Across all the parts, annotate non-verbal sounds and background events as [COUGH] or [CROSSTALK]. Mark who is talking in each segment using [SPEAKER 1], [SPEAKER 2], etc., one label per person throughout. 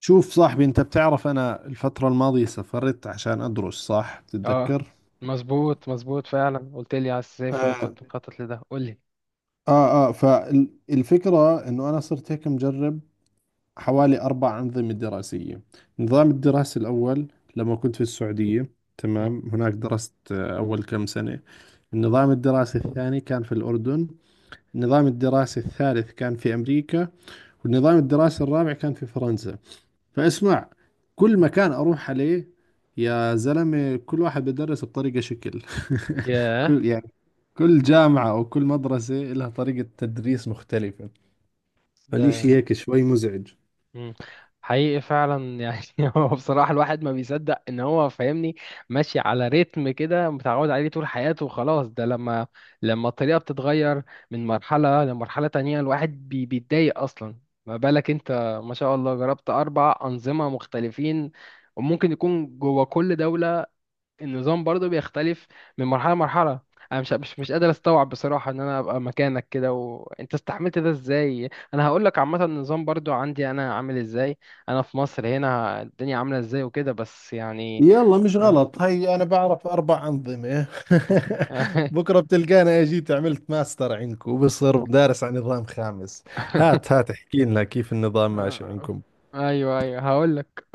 [SPEAKER 1] شوف صاحبي، انت بتعرف انا الفترة الماضية سافرت عشان ادرس، صح؟
[SPEAKER 2] اه.
[SPEAKER 1] تتذكر.
[SPEAKER 2] مظبوط مظبوط فعلا، قلت لي عايز تسافر
[SPEAKER 1] اه
[SPEAKER 2] وكنت مخطط لده، قول لي.
[SPEAKER 1] فالفكرة انه انا صرت هيك مجرب حوالي اربع انظمة دراسية. النظام الدراسي الاول لما كنت في السعودية،
[SPEAKER 2] مم.
[SPEAKER 1] تمام، هناك درست اول كم سنة. النظام الدراسي الثاني كان في الاردن، النظام الدراسي الثالث كان في امريكا، والنظام الدراسي الرابع كان في فرنسا. فاسمع، كل مكان اروح عليه يا زلمة كل واحد بدرس بطريقة شكل. [LAUGHS]
[SPEAKER 2] ياه.
[SPEAKER 1] كل يعني كل جامعة او كل مدرسة لها طريقة تدريس مختلفة. فالإشي
[SPEAKER 2] ده.
[SPEAKER 1] هيك شوي مزعج.
[SPEAKER 2] مم. حقيقي فعلا يعني [LAUGHS] هو بصراحة الواحد ما بيصدق ان هو فاهمني، ماشي على رتم كده متعود عليه طول حياته وخلاص. ده لما الطريقة بتتغير من مرحلة لمرحلة تانية الواحد بيتضايق اصلا، ما بالك انت. ما شاء الله جربت اربع انظمة مختلفين، وممكن يكون جوه كل دولة النظام برضو بيختلف من مرحلة لمرحلة. انا مش قادر استوعب بصراحة ان انا ابقى مكانك كده وانت استحملت ده ازاي. انا هقول لك عامة النظام برضو عندي انا عامل ازاي، انا في مصر هنا الدنيا عاملة ازاي وكده، بس يعني.
[SPEAKER 1] يلا، مش غلط، هي انا بعرف اربع انظمه.
[SPEAKER 2] آه.
[SPEAKER 1] [LAUGHS] بكره بتلقانا اجيت عملت ماستر عندكم وبصير دارس عن نظام خامس.
[SPEAKER 2] [LAUGHS]
[SPEAKER 1] هات احكي لنا كيف النظام ماشي
[SPEAKER 2] آه،
[SPEAKER 1] عندكم.
[SPEAKER 2] ايوه ايوه، هقول لك.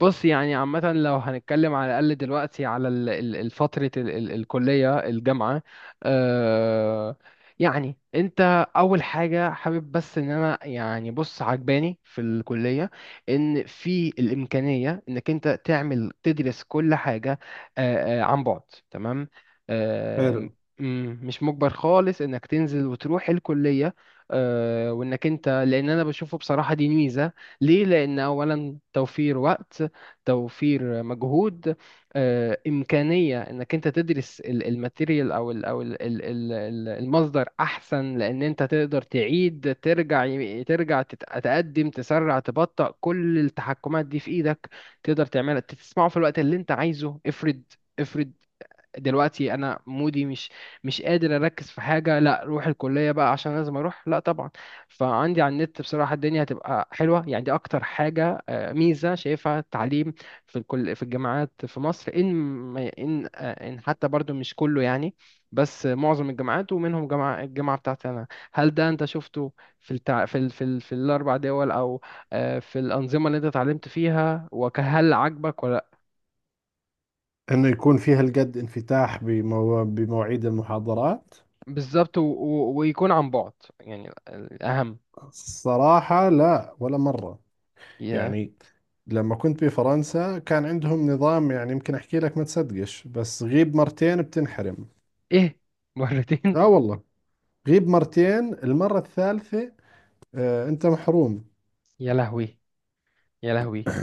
[SPEAKER 2] بص يعني عامه، لو هنتكلم على الاقل دلوقتي على فتره الكليه الجامعه. آه، يعني انت اول حاجه حابب بس ان انا يعني بص، عجباني في الكليه، ان في الامكانيه انك انت تعمل تدرس كل حاجه، عن بعد. تمام. آه،
[SPEAKER 1] حلو
[SPEAKER 2] مش مجبر خالص انك تنزل وتروح الكليه. وانك انت، لان انا بشوفه بصراحة دي ميزة. ليه؟ لان اولا توفير وقت، توفير مجهود. امكانية انك انت تدرس الماتيريال او المصدر احسن، لان انت تقدر تعيد، ترجع، ترجع، تقدم، تسرع، تبطئ، كل التحكمات دي في ايدك. تقدر تعملها، تسمعه في الوقت اللي انت عايزه. افرض، افرض دلوقتي انا مودي، مش قادر اركز في حاجه، لا روح الكليه بقى عشان لازم اروح؟ لا طبعا. فعندي على النت بصراحه الدنيا هتبقى حلوه يعني، دي اكتر حاجه ميزه شايفها التعليم في الكل، في الجامعات في مصر، ان ان حتى برضو مش كله يعني، بس معظم الجامعات ومنهم الجامعه بتاعتي انا. هل ده انت شفته في التع... في ال... في, ال... في الاربع دول، او في الانظمه اللي انت اتعلمت فيها وهل عاجبك ولا؟
[SPEAKER 1] انه يكون في هالقد انفتاح بمواعيد المحاضرات.
[SPEAKER 2] بالظبط، ويكون عن بعد يعني، الأهم.
[SPEAKER 1] الصراحة لا، ولا مرة
[SPEAKER 2] يا،
[SPEAKER 1] يعني. لما كنت بفرنسا كان عندهم نظام، يعني يمكن أحكي لك ما تصدقش، بس غيب مرتين بتنحرم.
[SPEAKER 2] إيه؟ مرتين؟
[SPEAKER 1] آه
[SPEAKER 2] [LAUGHS]
[SPEAKER 1] والله، غيب مرتين، المرة الثالثة آه أنت محروم.
[SPEAKER 2] يا لهوي! يا لهوي!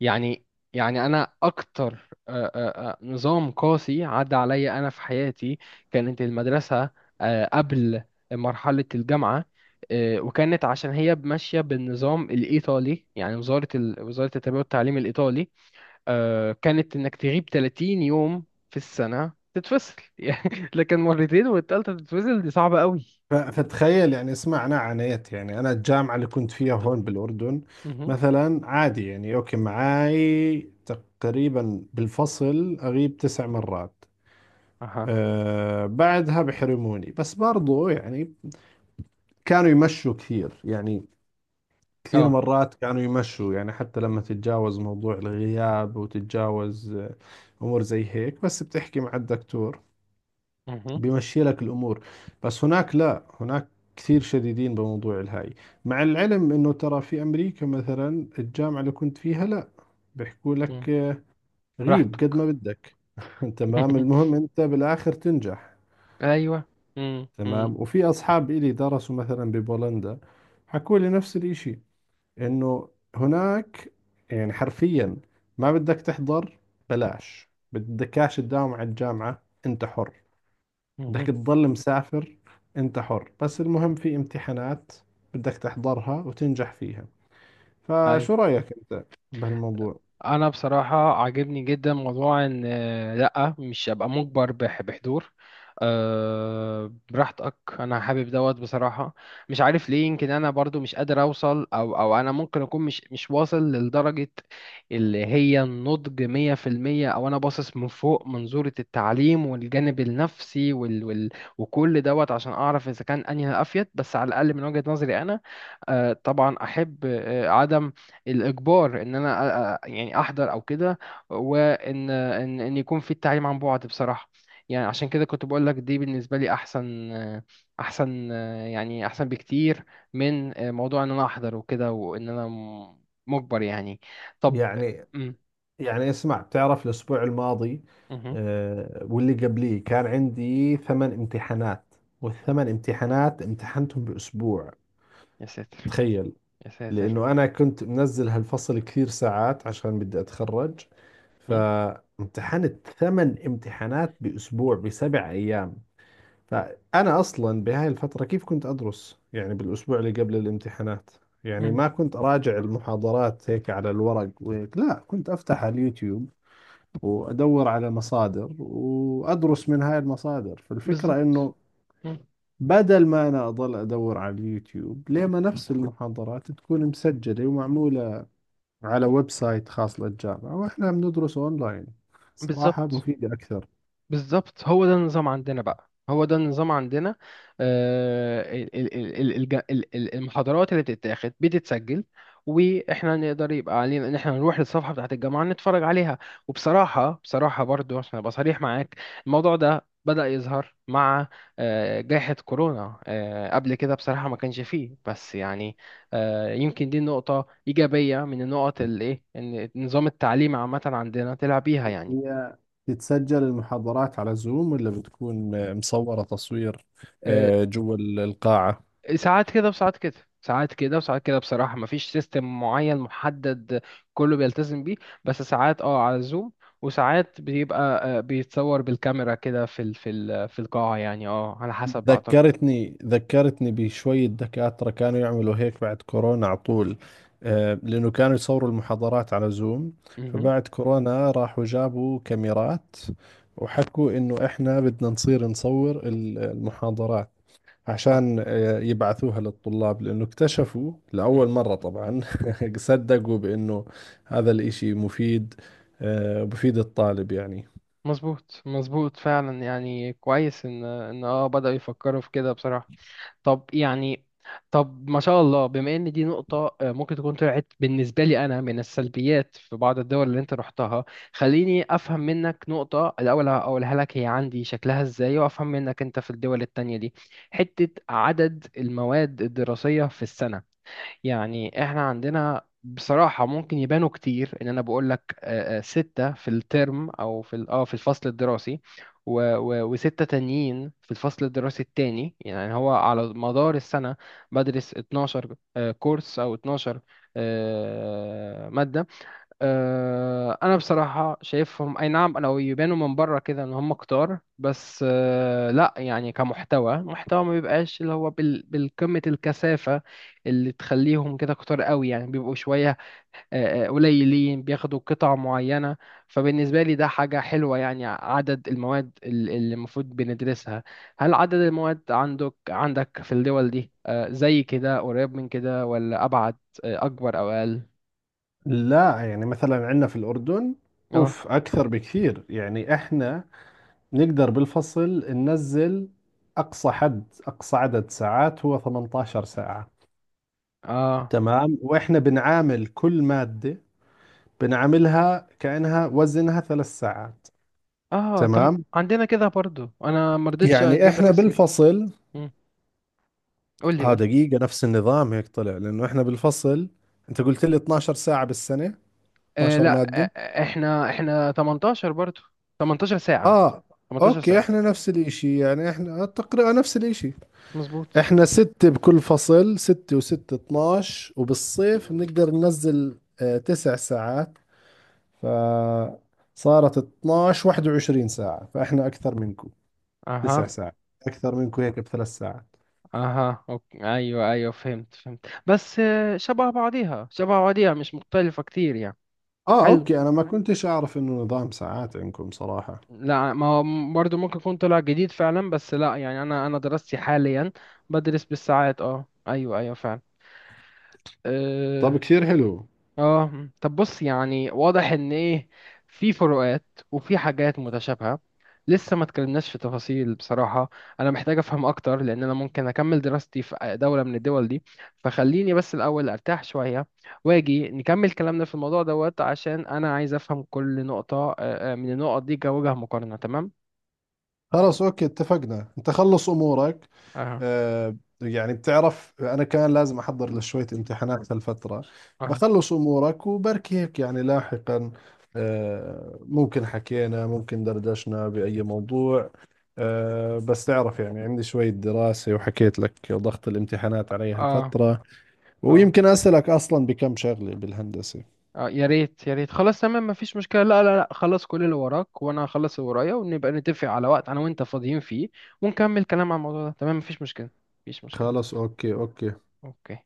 [SPEAKER 2] يعني أنا أكتر نظام قاسي عدى عليا أنا في حياتي كانت المدرسة، قبل مرحلة الجامعة، وكانت عشان هي ماشية بالنظام الإيطالي، يعني وزارة وزارة التربية والتعليم الإيطالي. كانت انك تغيب 30 يوم في السنة تتفصل [LAUGHS] يعني، لكن مرتين والتالتة تتفصل، دي صعبة قوي.
[SPEAKER 1] فتخيل يعني، اسمعنا، عانيت يعني. أنا الجامعة اللي كنت فيها هون بالأردن
[SPEAKER 2] مهم.
[SPEAKER 1] مثلا عادي يعني، أوكي معاي، تقريبا بالفصل أغيب تسع مرات،
[SPEAKER 2] اها.
[SPEAKER 1] آه، بعدها بحرموني، بس برضو يعني كانوا يمشوا كثير يعني. كثير
[SPEAKER 2] اه.
[SPEAKER 1] مرات كانوا يمشوا يعني، حتى لما تتجاوز موضوع الغياب وتتجاوز أمور زي هيك، بس بتحكي مع الدكتور
[SPEAKER 2] مهم.
[SPEAKER 1] بيمشي لك الأمور. بس هناك لا، هناك كثير شديدين بموضوع الهاي. مع العلم إنه ترى في أمريكا مثلا الجامعة اللي كنت فيها لا، بيحكوا
[SPEAKER 2] مم.
[SPEAKER 1] لك غيب قد ما
[SPEAKER 2] براحتك.
[SPEAKER 1] بدك. [LAUGHS] تمام،
[SPEAKER 2] [LAUGHS]
[SPEAKER 1] المهم أنت بالآخر تنجح.
[SPEAKER 2] ايوه. مم. مم.
[SPEAKER 1] تمام، وفي أصحاب إلي درسوا مثلا ببولندا، حكوا لي نفس الإشي، انه هناك يعني حرفيا ما بدك تحضر، بلاش بدكاش تداوم على الجامعة، انت حر، بدك تضل مسافر انت حر، بس المهم في امتحانات بدك تحضرها وتنجح فيها.
[SPEAKER 2] مهم.
[SPEAKER 1] فشو رأيك انت بهالموضوع؟
[SPEAKER 2] انا بصراحه عاجبني جدا موضوع ان، لا، مش ابقى مجبر بحضور. أه براحتك، انا حابب دوت بصراحه. مش عارف ليه، يمكن انا برضو مش قادر اوصل او انا ممكن اكون مش واصل لدرجه اللي هي النضج 100%، او انا باصص من فوق منظوره التعليم والجانب النفسي وال وال وكل دوت عشان اعرف اذا كان انهي الافيد، بس على الاقل من وجهه نظري انا طبعا احب عدم الاجبار ان انا يعني احضر او كده، وان ان ان يكون في التعليم عن بعد بصراحه. يعني عشان كده كنت بقول لك دي بالنسبه لي احسن، احسن يعني، احسن بكتير من موضوع ان انا احضر وكده، وان انا مجبر يعني. طب.
[SPEAKER 1] يعني
[SPEAKER 2] مم.
[SPEAKER 1] يعني اسمع، بتعرف الاسبوع الماضي
[SPEAKER 2] مهم.
[SPEAKER 1] واللي قبليه كان عندي ثمان امتحانات، والثمان امتحانات امتحنتهم باسبوع.
[SPEAKER 2] يا ساتر!
[SPEAKER 1] تخيل،
[SPEAKER 2] يا ساتر!
[SPEAKER 1] لأنه أنا كنت منزل هالفصل كثير ساعات عشان بدي أتخرج،
[SPEAKER 2] مم.
[SPEAKER 1] فامتحنت ثمان امتحانات بأسبوع، بسبع أيام. فأنا أصلا بهاي الفترة كيف كنت أدرس يعني، بالأسبوع اللي قبل الامتحانات يعني
[SPEAKER 2] مم.
[SPEAKER 1] ما كنت أراجع المحاضرات هيك على الورق وهيك، لا، كنت أفتح على اليوتيوب وأدور على مصادر وأدرس من هاي المصادر. فالفكرة
[SPEAKER 2] بالظبط.
[SPEAKER 1] إنه
[SPEAKER 2] مم.
[SPEAKER 1] بدل ما أنا أضل أدور على اليوتيوب، ليه ما نفس المحاضرات تكون مسجلة ومعمولة على ويب سايت خاص للجامعة وإحنا بندرسه أونلاين، صراحة
[SPEAKER 2] بالظبط،
[SPEAKER 1] مفيدة أكثر.
[SPEAKER 2] بالظبط هو ده النظام عندنا بقى، هو ده النظام عندنا. المحاضرات اللي بتتاخد بتتسجل، واحنا نقدر، يبقى علينا ان احنا نروح للصفحه بتاعت الجامعه نتفرج عليها. وبصراحه برضو عشان ابقى صريح معاك، الموضوع ده بدأ يظهر مع جائحة كورونا، قبل كده بصراحة ما كانش فيه، بس يعني يمكن دي نقطة إيجابية من النقط اللي إيه إن نظام التعليم عامة عندنا طلع بيها يعني.
[SPEAKER 1] هي تتسجل المحاضرات على زوم، ولا بتكون مصورة تصوير،
[SPEAKER 2] آه،
[SPEAKER 1] جوا القاعة؟
[SPEAKER 2] ساعات كده وساعات كده ساعات كده وساعات كده، بصراحة مفيش سيستم معين محدد كله بيلتزم بيه، بس ساعات على زوم، وساعات بيبقى بيتصور بالكاميرا كده في القاعة يعني، على حسب أعتقد.
[SPEAKER 1] ذكرتني بشوية دكاترة كانوا يعملوا هيك بعد كورونا على طول، لأنه كانوا يصوروا المحاضرات على زوم،
[SPEAKER 2] مهم.
[SPEAKER 1] فبعد كورونا راحوا جابوا كاميرات وحكوا إنه إحنا بدنا نصير نصور المحاضرات
[SPEAKER 2] اه.
[SPEAKER 1] عشان يبعثوها للطلاب، لأنه اكتشفوا
[SPEAKER 2] مهم.
[SPEAKER 1] لأول مرة طبعا [LAUGHS] صدقوا بأنه هذا الإشي مفيد، بفيد الطالب يعني.
[SPEAKER 2] مظبوط مظبوط فعلا يعني، كويس ان بدأوا يفكروا في كده بصراحة. طب يعني، طب ما شاء الله بما ان دي نقطة ممكن تكون طلعت بالنسبة لي انا من السلبيات في بعض الدول اللي انت رحتها. خليني افهم منك نقطة، الاول اقولها لك هي عندي شكلها ازاي، وافهم منك انت في الدول التانية دي، حتة عدد المواد الدراسية في السنة. يعني احنا عندنا بصراحة ممكن يبانوا كتير، ان انا بقول لك ستة في الترم او في في الفصل الدراسي، وستة تانيين في الفصل الدراسي التاني، يعني هو على مدار السنة بدرس 12 كورس كورس او 12 مادة. انا بصراحه شايفهم، اي نعم انا يبانوا من بره كده ان هم كتار، بس لا يعني كمحتوى، محتوى ما بيبقاش اللي هو بالقمه الكثافه اللي تخليهم كده كتار قوي، يعني بيبقوا شويه، قليلين بياخدوا قطع معينه. فبالنسبه لي ده حاجه حلوه يعني، عدد المواد اللي المفروض بندرسها. هل عدد المواد عندك في الدول دي زي كده قريب من كده ولا ابعد، اكبر او اقل؟
[SPEAKER 1] لا يعني، مثلا عندنا في الأردن
[SPEAKER 2] اه.
[SPEAKER 1] أوف أكثر بكثير. يعني إحنا نقدر بالفصل ننزل أقصى حد، أقصى عدد ساعات هو 18 ساعة،
[SPEAKER 2] اه.
[SPEAKER 1] تمام، وإحنا بنعامل كل مادة بنعاملها كأنها وزنها ثلاث ساعات.
[SPEAKER 2] اه. طب
[SPEAKER 1] تمام.
[SPEAKER 2] عندنا كده برضو، انا ما رضيتش
[SPEAKER 1] يعني
[SPEAKER 2] اجيب لك
[SPEAKER 1] إحنا
[SPEAKER 2] السيره.
[SPEAKER 1] بالفصل،
[SPEAKER 2] مم. قول لي،
[SPEAKER 1] اه
[SPEAKER 2] قول لي.
[SPEAKER 1] دقيقة، نفس النظام هيك طلع، لأنه إحنا بالفصل أنت قلت لي 12 ساعة بالسنة، 12
[SPEAKER 2] لا،
[SPEAKER 1] مادة؟
[SPEAKER 2] احنا 18 برضو. 18 ساعه.
[SPEAKER 1] آه،
[SPEAKER 2] 18
[SPEAKER 1] أوكي،
[SPEAKER 2] ساعه.
[SPEAKER 1] إحنا نفس الإشي يعني، إحنا تقريبا نفس الإشي.
[SPEAKER 2] مظبوط.
[SPEAKER 1] إحنا ستة بكل فصل، ستة وستة 12، وبالصيف بنقدر ننزل آه تسع ساعات، فصارت 12 21 ساعة، فإحنا أكثر منكم تسع
[SPEAKER 2] اها.
[SPEAKER 1] ساعات، أكثر منكم هيك بثلاث ساعات.
[SPEAKER 2] اها. أوكي. ايوه، ايوه، فهمت، فهمت، بس شبه بعضيها، شبه بعضيها، مش مختلفه كتير يعني.
[SPEAKER 1] آه،
[SPEAKER 2] حلو.
[SPEAKER 1] أوكي، أنا ما كنتش أعرف إنه نظام ساعات عندكم صراحة.
[SPEAKER 2] لا ما هو برضو ممكن يكون طلع جديد فعلا، بس لا يعني انا دراستي حاليا بدرس بالساعات. اه ايوه ايوه فعلا. آه،
[SPEAKER 1] طب كثير حلو.
[SPEAKER 2] اه. مم. طب بص يعني، واضح ان ايه، في فروقات وفي حاجات متشابهة. لسه ما اتكلمناش في تفاصيل بصراحة، انا محتاج افهم اكتر لان انا ممكن اكمل دراستي في دولة من الدول دي، فخليني بس الاول ارتاح شوية واجي نكمل كلامنا في الموضوع دوت، عشان انا عايز افهم كل نقطة من النقط دي كوجه مقارنة. تمام.
[SPEAKER 1] خلاص اوكي، اتفقنا، انت خلص امورك،
[SPEAKER 2] اه.
[SPEAKER 1] آه، يعني بتعرف انا كان لازم احضر لشوية امتحانات هالفترة،
[SPEAKER 2] اه.
[SPEAKER 1] بخلص امورك وبركي هيك يعني لاحقا آه ممكن حكينا، ممكن دردشنا بأي موضوع، آه، بس تعرف يعني عندي شوية دراسة وحكيت لك ضغط الامتحانات علي
[SPEAKER 2] اه.
[SPEAKER 1] هالفترة،
[SPEAKER 2] اه.
[SPEAKER 1] ويمكن أسألك أصلا بكم شغلة بالهندسة.
[SPEAKER 2] اه. يا ريت، يا ريت، خلاص تمام مفيش مشكلة. لا لا لا خلاص، كل اللي وراك وانا هخلص اللي ورايا، ونبقى نتفق على وقت انا وانت فاضيين فيه، ونكمل كلام عن الموضوع ده. تمام مفيش مشكلة، مفيش مشكلة.
[SPEAKER 1] خلاص اوكي اوكي.
[SPEAKER 2] اوكي.